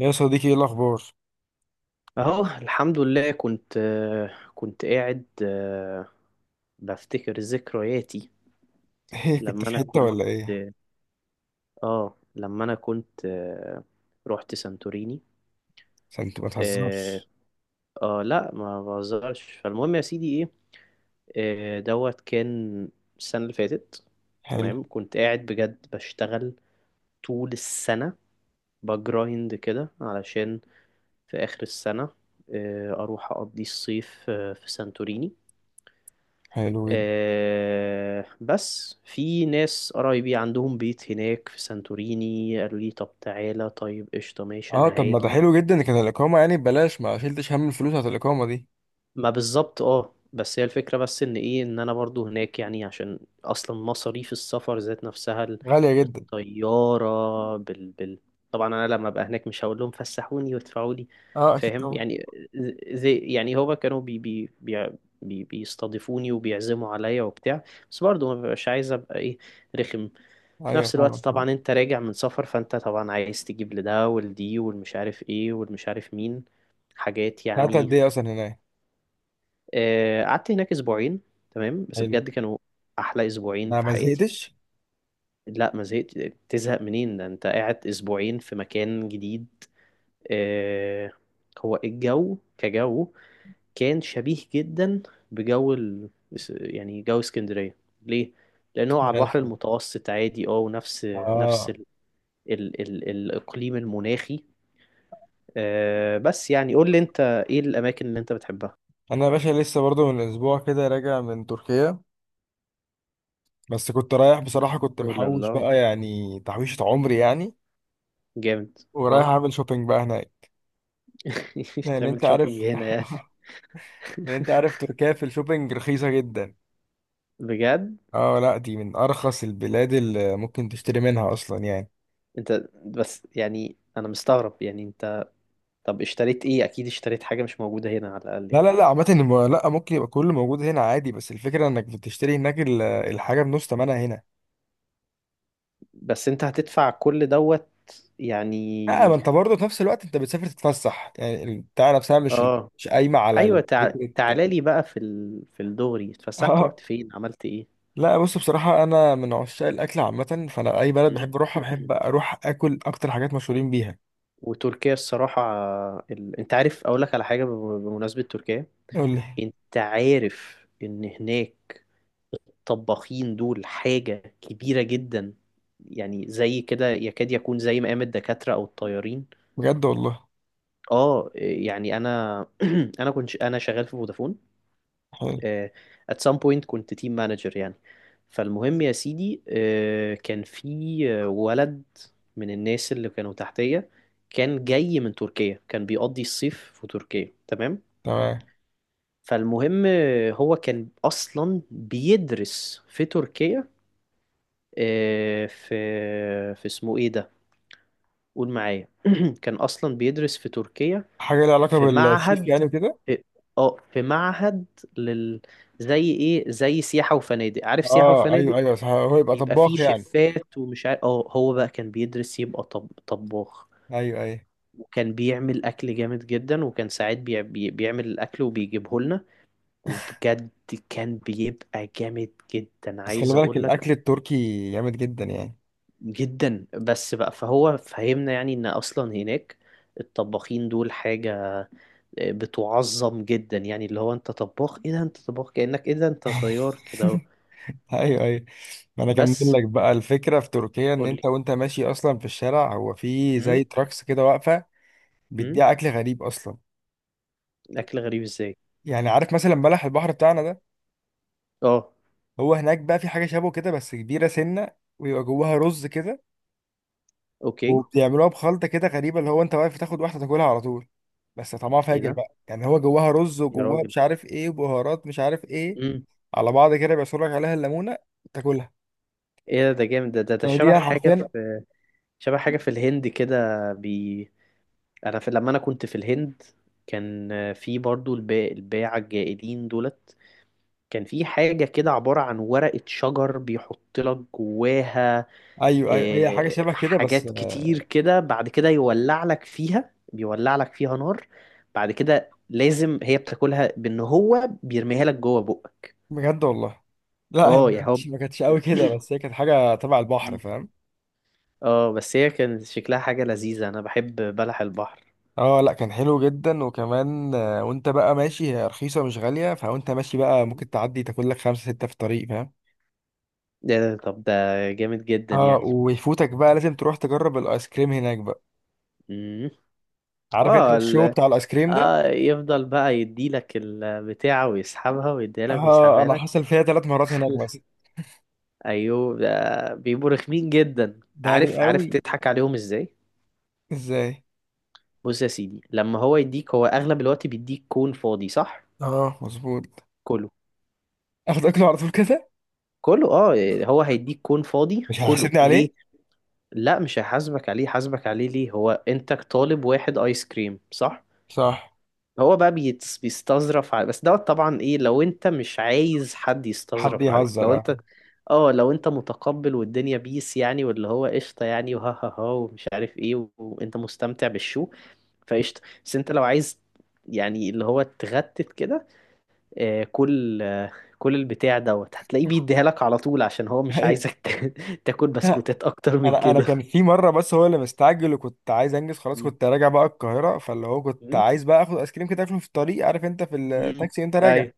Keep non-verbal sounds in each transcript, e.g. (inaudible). يا صديقي، ايه الاخبار؟ اهو الحمد لله. كنت كنت قاعد بفتكر ذكرياتي ايه، كنت لما في انا حته كنت ولا ايه؟ اه لما انا كنت آه، رحت سانتوريني. عشان انت ما اه. تهزرش. لا ما بهزرش. فالمهم يا سيدي ايه دوت كان السنة اللي فاتت. حلو. تمام. كنت قاعد بجد بشتغل طول السنة بجرايند كده علشان في آخر السنة أروح أقضي الصيف في سانتوريني. حلو جدا. بس في ناس قرايبي عندهم بيت هناك في سانتوريني قالوا لي طب تعالى. طيب قشطة ماشي اه، أنا طب ما ده هاجي. حلو جدا، كان الاقامه يعني ببلاش، ما شلتش هم الفلوس بتاعت الاقامه دي، ما بالظبط اه. بس هي الفكرة بس ان ايه ان انا برضو هناك يعني عشان اصلا مصاريف السفر ذات نفسها غاليه جدا. الطيارة طبعا انا لما ابقى هناك مش هقول لهم فسحوني وادفعوا لي. اه اكيد فاهم طبعا. يعني. زي يعني هو كانوا بي بي بي بي بيستضيفوني وبيعزموا عليا وبتاع. بس برضو ما ببقاش عايز ابقى ايه رخم. في ايوه، نفس الوقت فاهمك فاهمك. طبعا انت راجع من سفر فانت طبعا عايز تجيب لده ولدي والمش عارف ايه والمش عارف مين. حاجات قعدت يعني. قد ايه اصلا هناك؟ قعدت هناك اسبوعين. تمام بس حلو. بجد كانوا احلى اسبوعين انا في ما حياتي. زهقتش. لا ما زهقت. تزهق منين؟ ده انت قاعد اسبوعين في مكان جديد. آه، هو الجو كجو كان شبيه جدا بجو ال... يعني جو اسكندرية. ليه؟ لأنه هو على البحر ماشي. المتوسط عادي اه. ونفس نفس اه. ال... ال... ال... الإقليم المناخي. بس يعني قول لي انت ايه الأماكن اللي انت بتحبها. انا يا باشا لسه برضو من اسبوع كده راجع من تركيا، بس كنت رايح بصراحه، كنت قول محوش الله. بقى يعني تحويشه عمري يعني، جامد. ورايح اه. اعمل شوبينج بقى هناك. (laughs) لان انت تعمل عارف شوبينج هنا يعني؟ (laughs) لأن انت عارف تركيا في الشوبينج رخيصة جدا. بجد. اه لا، دي من ارخص البلاد اللي ممكن تشتري منها اصلا يعني. انت بس يعني انا مستغرب يعني انت. طب اشتريت ايه؟ اكيد اشتريت حاجة مش موجودة هنا على الاقل لا يعني. لا لا، عامة لا، ممكن يبقى كله موجود هنا عادي، بس الفكرة انك بتشتري هناك الحاجة بنص تمنها هنا. بس انت هتدفع كل دوت لا، ما يعني. انت برضه في نفس الوقت انت بتسافر تتفسح، يعني البتاع نفسها مش اه. مش قايمة على ايوه. تعالى فكرة. لي بقى في الدغري. (laughs) اتفسحت اه رحت فين عملت ايه؟ لا، بص بصراحة، أنا من عشاق الأكل عامة، فأنا أي بلد مم. بحب أروحها بحب (clears throat) أروح آكل أكتر حاجات مشهورين بيها. وتركيا الصراحة. انت عارف اقول لك على حاجة بمناسبة تركيا. قول لي. انت عارف ان هناك طباخين دول حاجة كبيرة جدا. يعني زي كده يكاد يكون زي مقام الدكاترة أو الطيارين. بجد والله. اه. يعني أنا (clears throat) أنا كنت شغال في فودافون. حلو. آه، at some point كنت تيم مانجر يعني. فالمهم يا سيدي كان في ولد من الناس اللي كانوا تحتية. كان جاي من تركيا. كان بيقضي الصيف في تركيا. تمام. تمام. فالمهم هو كان أصلا بيدرس في تركيا آه، في في اسمه ايه ده؟ قول معايا. (clears throat) كان اصلا بيدرس في تركيا حاجة لها علاقة في بالشيف معهد. يعني وكده. اه آه، في معهد لل زي ايه زي سياحة وفنادق. عارف سياحة اه وفنادق؟ ايوه ايوه صح، هو يبقى بيبقى فيه طباخ يعني. شيفات ومش عارف. اه هو بقى كان بيدرس يبقى طباخ. ايوه ايوه. وكان بيعمل اكل جامد جدا. وكان ساعات بيعمل الاكل وبيجيبه لنا. وبجد كان بيبقى جامد جدا بس خلي عايز بالك اقول لك. الاكل التركي جامد جدا يعني. جدا. بس بقى فهو فهمنا يعني ان اصلا هناك الطباخين دول حاجة بتعظم جدا. يعني اللي هو انت طباخ؟ ايه ده؟ انت طباخ كأنك ايه ده انت طيار كده اهو. (laughs) ايوه ايوه. ما انا اكمل بس لك بقى الفكره في تركيا، ان قولي. انت وانت ماشي اصلا في الشارع، هو في امم زي تراكس كده واقفه امم. بتبيع اكل غريب اصلا. اكل غريب ازاي؟ يعني عارف مثلا بلح البحر بتاعنا ده، اه. هو هناك بقى في حاجه شبه كده بس كبيره سنه، ويبقى جواها رز كده، اوكي. وبيعملوها بخلطة كده غريبة، اللي هو انت واقف تاخد واحدة تاكلها على طول. بس طعمها ايه فاجر ده بقى، يعني هو جواها رز يا وجواها راجل؟ مش عارف ايه وبهارات مش عارف ايه، امم. على بعض كده، بيعصر لك عليها الليمونة، تاكلها. ايه ده؟ ده جامد. ده ده ده يعني دي حرفيا. شبه حاجة في الهند كده. بي انا في لما انا كنت في الهند. كان في برضو الباعة الجائلين دولت. كان في حاجة كده عبارة عن ورقة شجر بيحط لك جواها ايوه ايوه، هي حاجة شبه كده، بس حاجات كتير كده. بعد كده يولع لك فيها بيولع لك فيها نار. بعد كده لازم هي بتاكلها بان هو بيرميها لك جوه بقك. بجد والله. لا، هي اه ما يا هو. كانتش ما كانتش قوي كده، بس هي (clears throat) كانت حاجة تبع البحر، فاهم؟ اه بس هي كان شكلها حاجة لذيذة. انا بحب بلح البحر. اه لا، كان حلو جدا. وكمان وانت بقى ماشي، هي رخيصة مش غالية، فوانت ماشي بقى ممكن تعدي تاكل لك خمسة ستة في الطريق، فاهم؟ ده طب ده جامد جدا اه. يعني. ويفوتك بقى لازم تروح تجرب الايس كريم هناك بقى. مم. عارف انت اه الشو بتاع الايس كريم ده؟ اه يفضل بقى يديلك البتاعة ويسحبها ويديلك اه، ويسحبها انا لك. حصل فيها ثلاث مرات هناك مثلا. ايوه. ده بيبقوا رخمين جدا. داري عارف؟ عارف قوي. تضحك عليهم ازاي؟ ازاي؟ بص يا سيدي. لما هو يديك هو اغلب الوقت بيديك كون فاضي صح؟ اه مظبوط. كله. اخد اكله على طول كده. كله اه. هو هيديك كون فاضي مش كله هيحاسبني ليه؟ عليه. لا مش هيحاسبك عليه. حاسبك عليه ليه؟ هو انت طالب واحد ايس كريم صح؟ صح. هو بقى بيستظرف على. بس دوت طبعا ايه لو انت مش عايز حد حد يستظرف عليك. لو يهزر، انت اه. اه لو انت متقبل والدنيا بيس يعني واللي هو قشطه يعني وها ها ها ومش عارف ايه وانت مستمتع بالشو. فقشطة. بس انت لو عايز يعني اللي هو تغتت كده آه، كل آه، كل البتاع دوت هتلاقيه بيديها لك على طول عشان هو (laughs) مش عايزك أيوة. (laughs) تاكل بسكوتات اكتر من انا كان كده. في مره، بس هو اللي مستعجل، وكنت عايز انجز خلاص، مم. كنت راجع بقى القاهره، فاللي هو كنت مم. عايز بقى اخد ايس كريم كده اكله في الطريق، عارف انت في مم. التاكسي انت راجع. ايوه.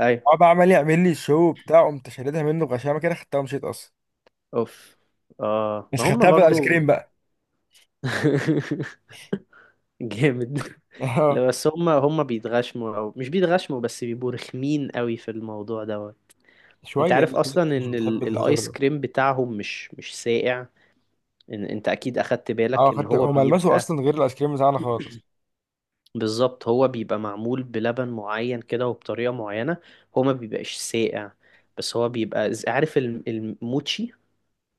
ايوه. هو بقى عمال يعمل لي الشو بتاعه، قمت شاردها منه بغشامه كده، خدتها ومشيت اصلا. اوف. اه بس ما هم خدتها بالايس برضو. كريم بقى. (laughs) جامد. اه. لا بس هم بيتغشموا او مش بيتغشموا. بس بيبقوا رخمين قوي في الموضوع دوت. (laughs) انت شويه عارف يعني. اصلا مش ان بتحب الايس الهزار. كريم بتاعهم مش ساقع. إن انت اكيد اخدت بالك اه ان خدت. هو هو ملمسه بيبقى. اصلا غير الايس كريم بتاعنا خالص. بالظبط هو بيبقى معمول بلبن معين كده وبطريقة معينة. هو ما بيبقاش ساقع بس هو بيبقى عارف الموتشي؟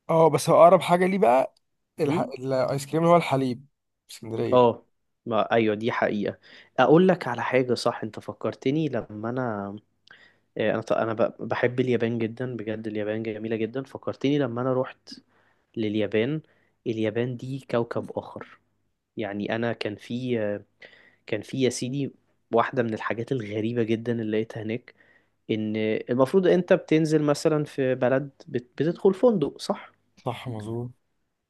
اه، بس هو اقرب حاجه ليه بقى مم؟ الايس كريم اللي هو الحليب في اسكندريه. اه ما ايوه دي حقيقة. اقول لك على حاجة صح. انت فكرتني لما انا بحب اليابان جدا. بجد اليابان جميلة جدا. فكرتني لما انا رحت لليابان. اليابان دي كوكب آخر. يعني انا كان في يا سيدي واحدة من الحاجات الغريبة جدا اللي لقيتها هناك. ان المفروض انت بتنزل مثلا في بلد بتدخل فندق صح؟ صح مظبوط.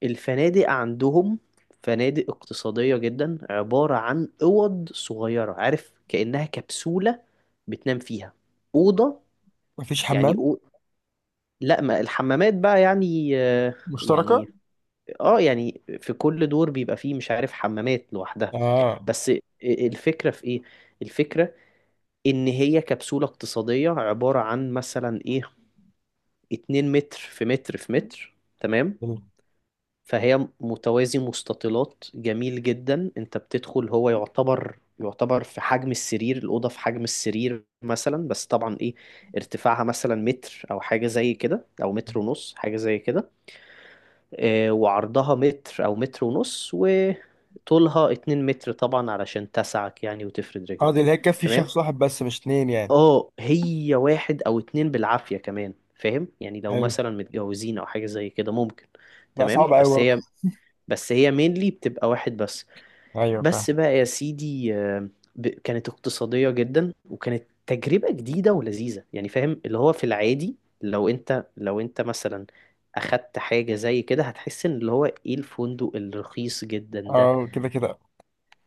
الفنادق عندهم فنادق اقتصادية جدا عبارة عن أوض صغيرة. عارف كأنها كبسولة بتنام فيها؟ أوضة مفيش يعني حمام. لا ما الحمامات بقى يعني مشتركة. يعني اه يعني في كل دور بيبقى فيه مش عارف حمامات لوحدها. اه. بس الفكرة في ايه؟ الفكرة ان هي كبسولة اقتصادية عبارة عن مثلا ايه 2 متر في متر في متر. تمام. حلو. فهي متوازي مستطيلات جميل جدا. انت بتدخل هو يعتبر في حجم السرير. الأوضة في حجم السرير مثلا بس طبعا ايه ارتفاعها مثلا متر او حاجة زي كده او متر ونص حاجة زي كده. اه وعرضها متر او متر ونص وطولها 2 متر طبعا علشان تسعك يعني وتفرد اه، رجلك. دي اللي هي تكفي تمام. شخص واحد بس مش اتنين يعني. اه هي واحد او اتنين بالعافية كمان. فاهم يعني؟ لو حلو. مثلا متجوزين او حاجة زي كده ممكن. لا، تمام. صعب قوي بس برضه. هي بس هي مينلي بتبقى واحد بس. ايوه بس فاهم. بقى يا سيدي كانت اقتصادية جدا وكانت تجربة جديدة ولذيذة يعني. فاهم اللي هو في العادي لو انت مثلا اخدت حاجة زي كده هتحس ان اللي هو ايه الفندق الرخيص جدا ده. اه كده كده.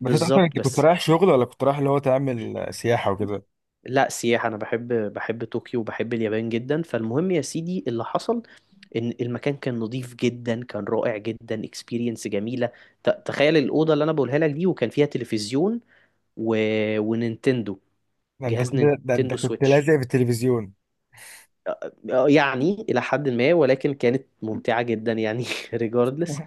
بس انت اصلا انت كنت بس. رايح شغل، ولا كنت رايح اللي هو تعمل سياحه وكده؟ لا سياحة. أنا بحب طوكيو وبحب اليابان جدا. فالمهم يا سيدي اللي حصل إن المكان كان نظيف جدا. كان رائع جدا. اكسبيرينس جميلة. تخيل الأوضة اللي أنا بقولها لك دي. وكان فيها تلفزيون و... ونينتندو. ده انت جهاز كده، ده انت نينتندو كنت سويتش لازق في التلفزيون. يعني إلى حد ما. ولكن كانت ممتعة جدا يعني. (laughs) ريجاردلس.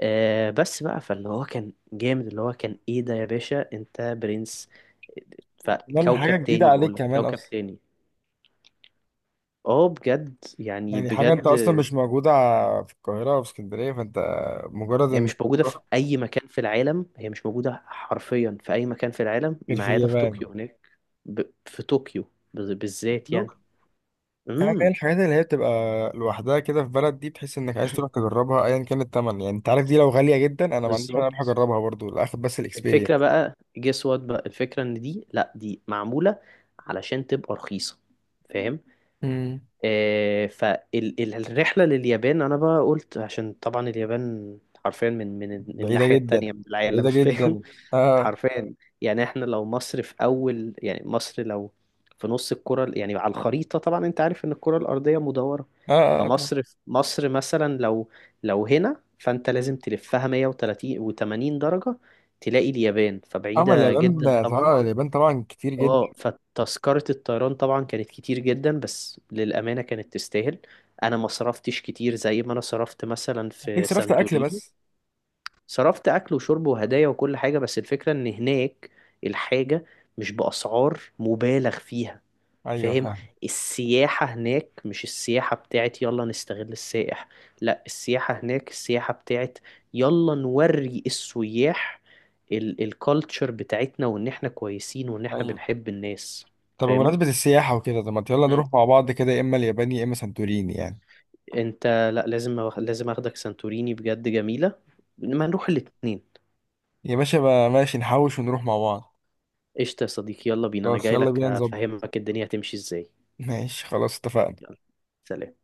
بس بقى فاللي هو كان جامد. اللي هو كان إيه ده يا باشا أنت برنس. كمان حاجه فكوكب جديده تاني عليك بقول لك. كمان كوكب اصلا. تاني. اه بجد يعني. يعني حاجة انت بجد. اصلا مش موجودة في القاهرة او في اسكندرية، فانت مجرد هي انك مش موجودة في بتروح. أي مكان في العالم. هي مش موجودة حرفيا في أي مكان في العالم غير ما في عدا في اليابان. طوكيو هناك. في طوكيو بالذات لو يعني. حاجة، هي امم. الحاجات اللي هي بتبقى لوحدها كده في بلد، دي بتحس انك عايز تروح تجربها ايا كان التمن، يعني انت عارف دي لو غالية جدا انا ما عنديش مانع اروح بالظبط. اجربها برضو لاخد بس الفكرة الاكسبيرينس. بقى جس وات. بقى الفكرة إن دي لأ دي معمولة علشان تبقى رخيصة. فاهم؟ امم. فالرحلة لليابان أنا بقى قلت عشان طبعا اليابان حرفيا من بعيدة الناحية جدا. التانية من العالم. (laughs) بعيدة فاهم؟ جدا. اه حرفيا. يعني احنا لو مصر في أول يعني مصر لو في نص الكرة يعني على الخريطة. طبعا أنت عارف إن الكرة الأرضية مدورة. اه اه آه، طبعا. فمصر مثلا لو هنا فأنت لازم تلفها 130 و80 درجة تلاقي اليابان. اما فبعيدة اليابان جدا طبعا. طبعا، اليابان طبعا كتير جدا. اه فتذكرة الطيران طبعا كانت كتير جدا. بس للأمانة كانت تستاهل. أنا ما صرفتش كتير زي ما أنا صرفت مثلا هتلاقيك في صرفت اكل سانتوريني. بس. صرفت أكل وشرب وهدايا وكل حاجة. بس الفكرة إن هناك الحاجة مش بأسعار مبالغ فيها. ايوه فاهم؟ فاهم. السياحة هناك مش السياحة بتاعت يلا نستغل السائح. لا السياحة هناك السياحة بتاعت يلا نوري السياح الكالتشر بتاعتنا وان احنا كويسين وان احنا ايوه. بنحب الناس. طب فاهمني؟ بمناسبة السياحة وكده، طب ما يلا مم. نروح مع بعض كده، يا اما اليابان يا اما سانتوريني يعني. انت لا لازم اخدك سانتوريني بجد جميلة. ما نروح الاتنين. يا باشا بقى ماشي، نحوش ونروح مع بعض. قشطة يا صديقي يلا بينا. انا خلاص جاي يلا لك بينا نظبط. افهمك الدنيا هتمشي ازاي. ماشي خلاص اتفقنا. يلا. سلام.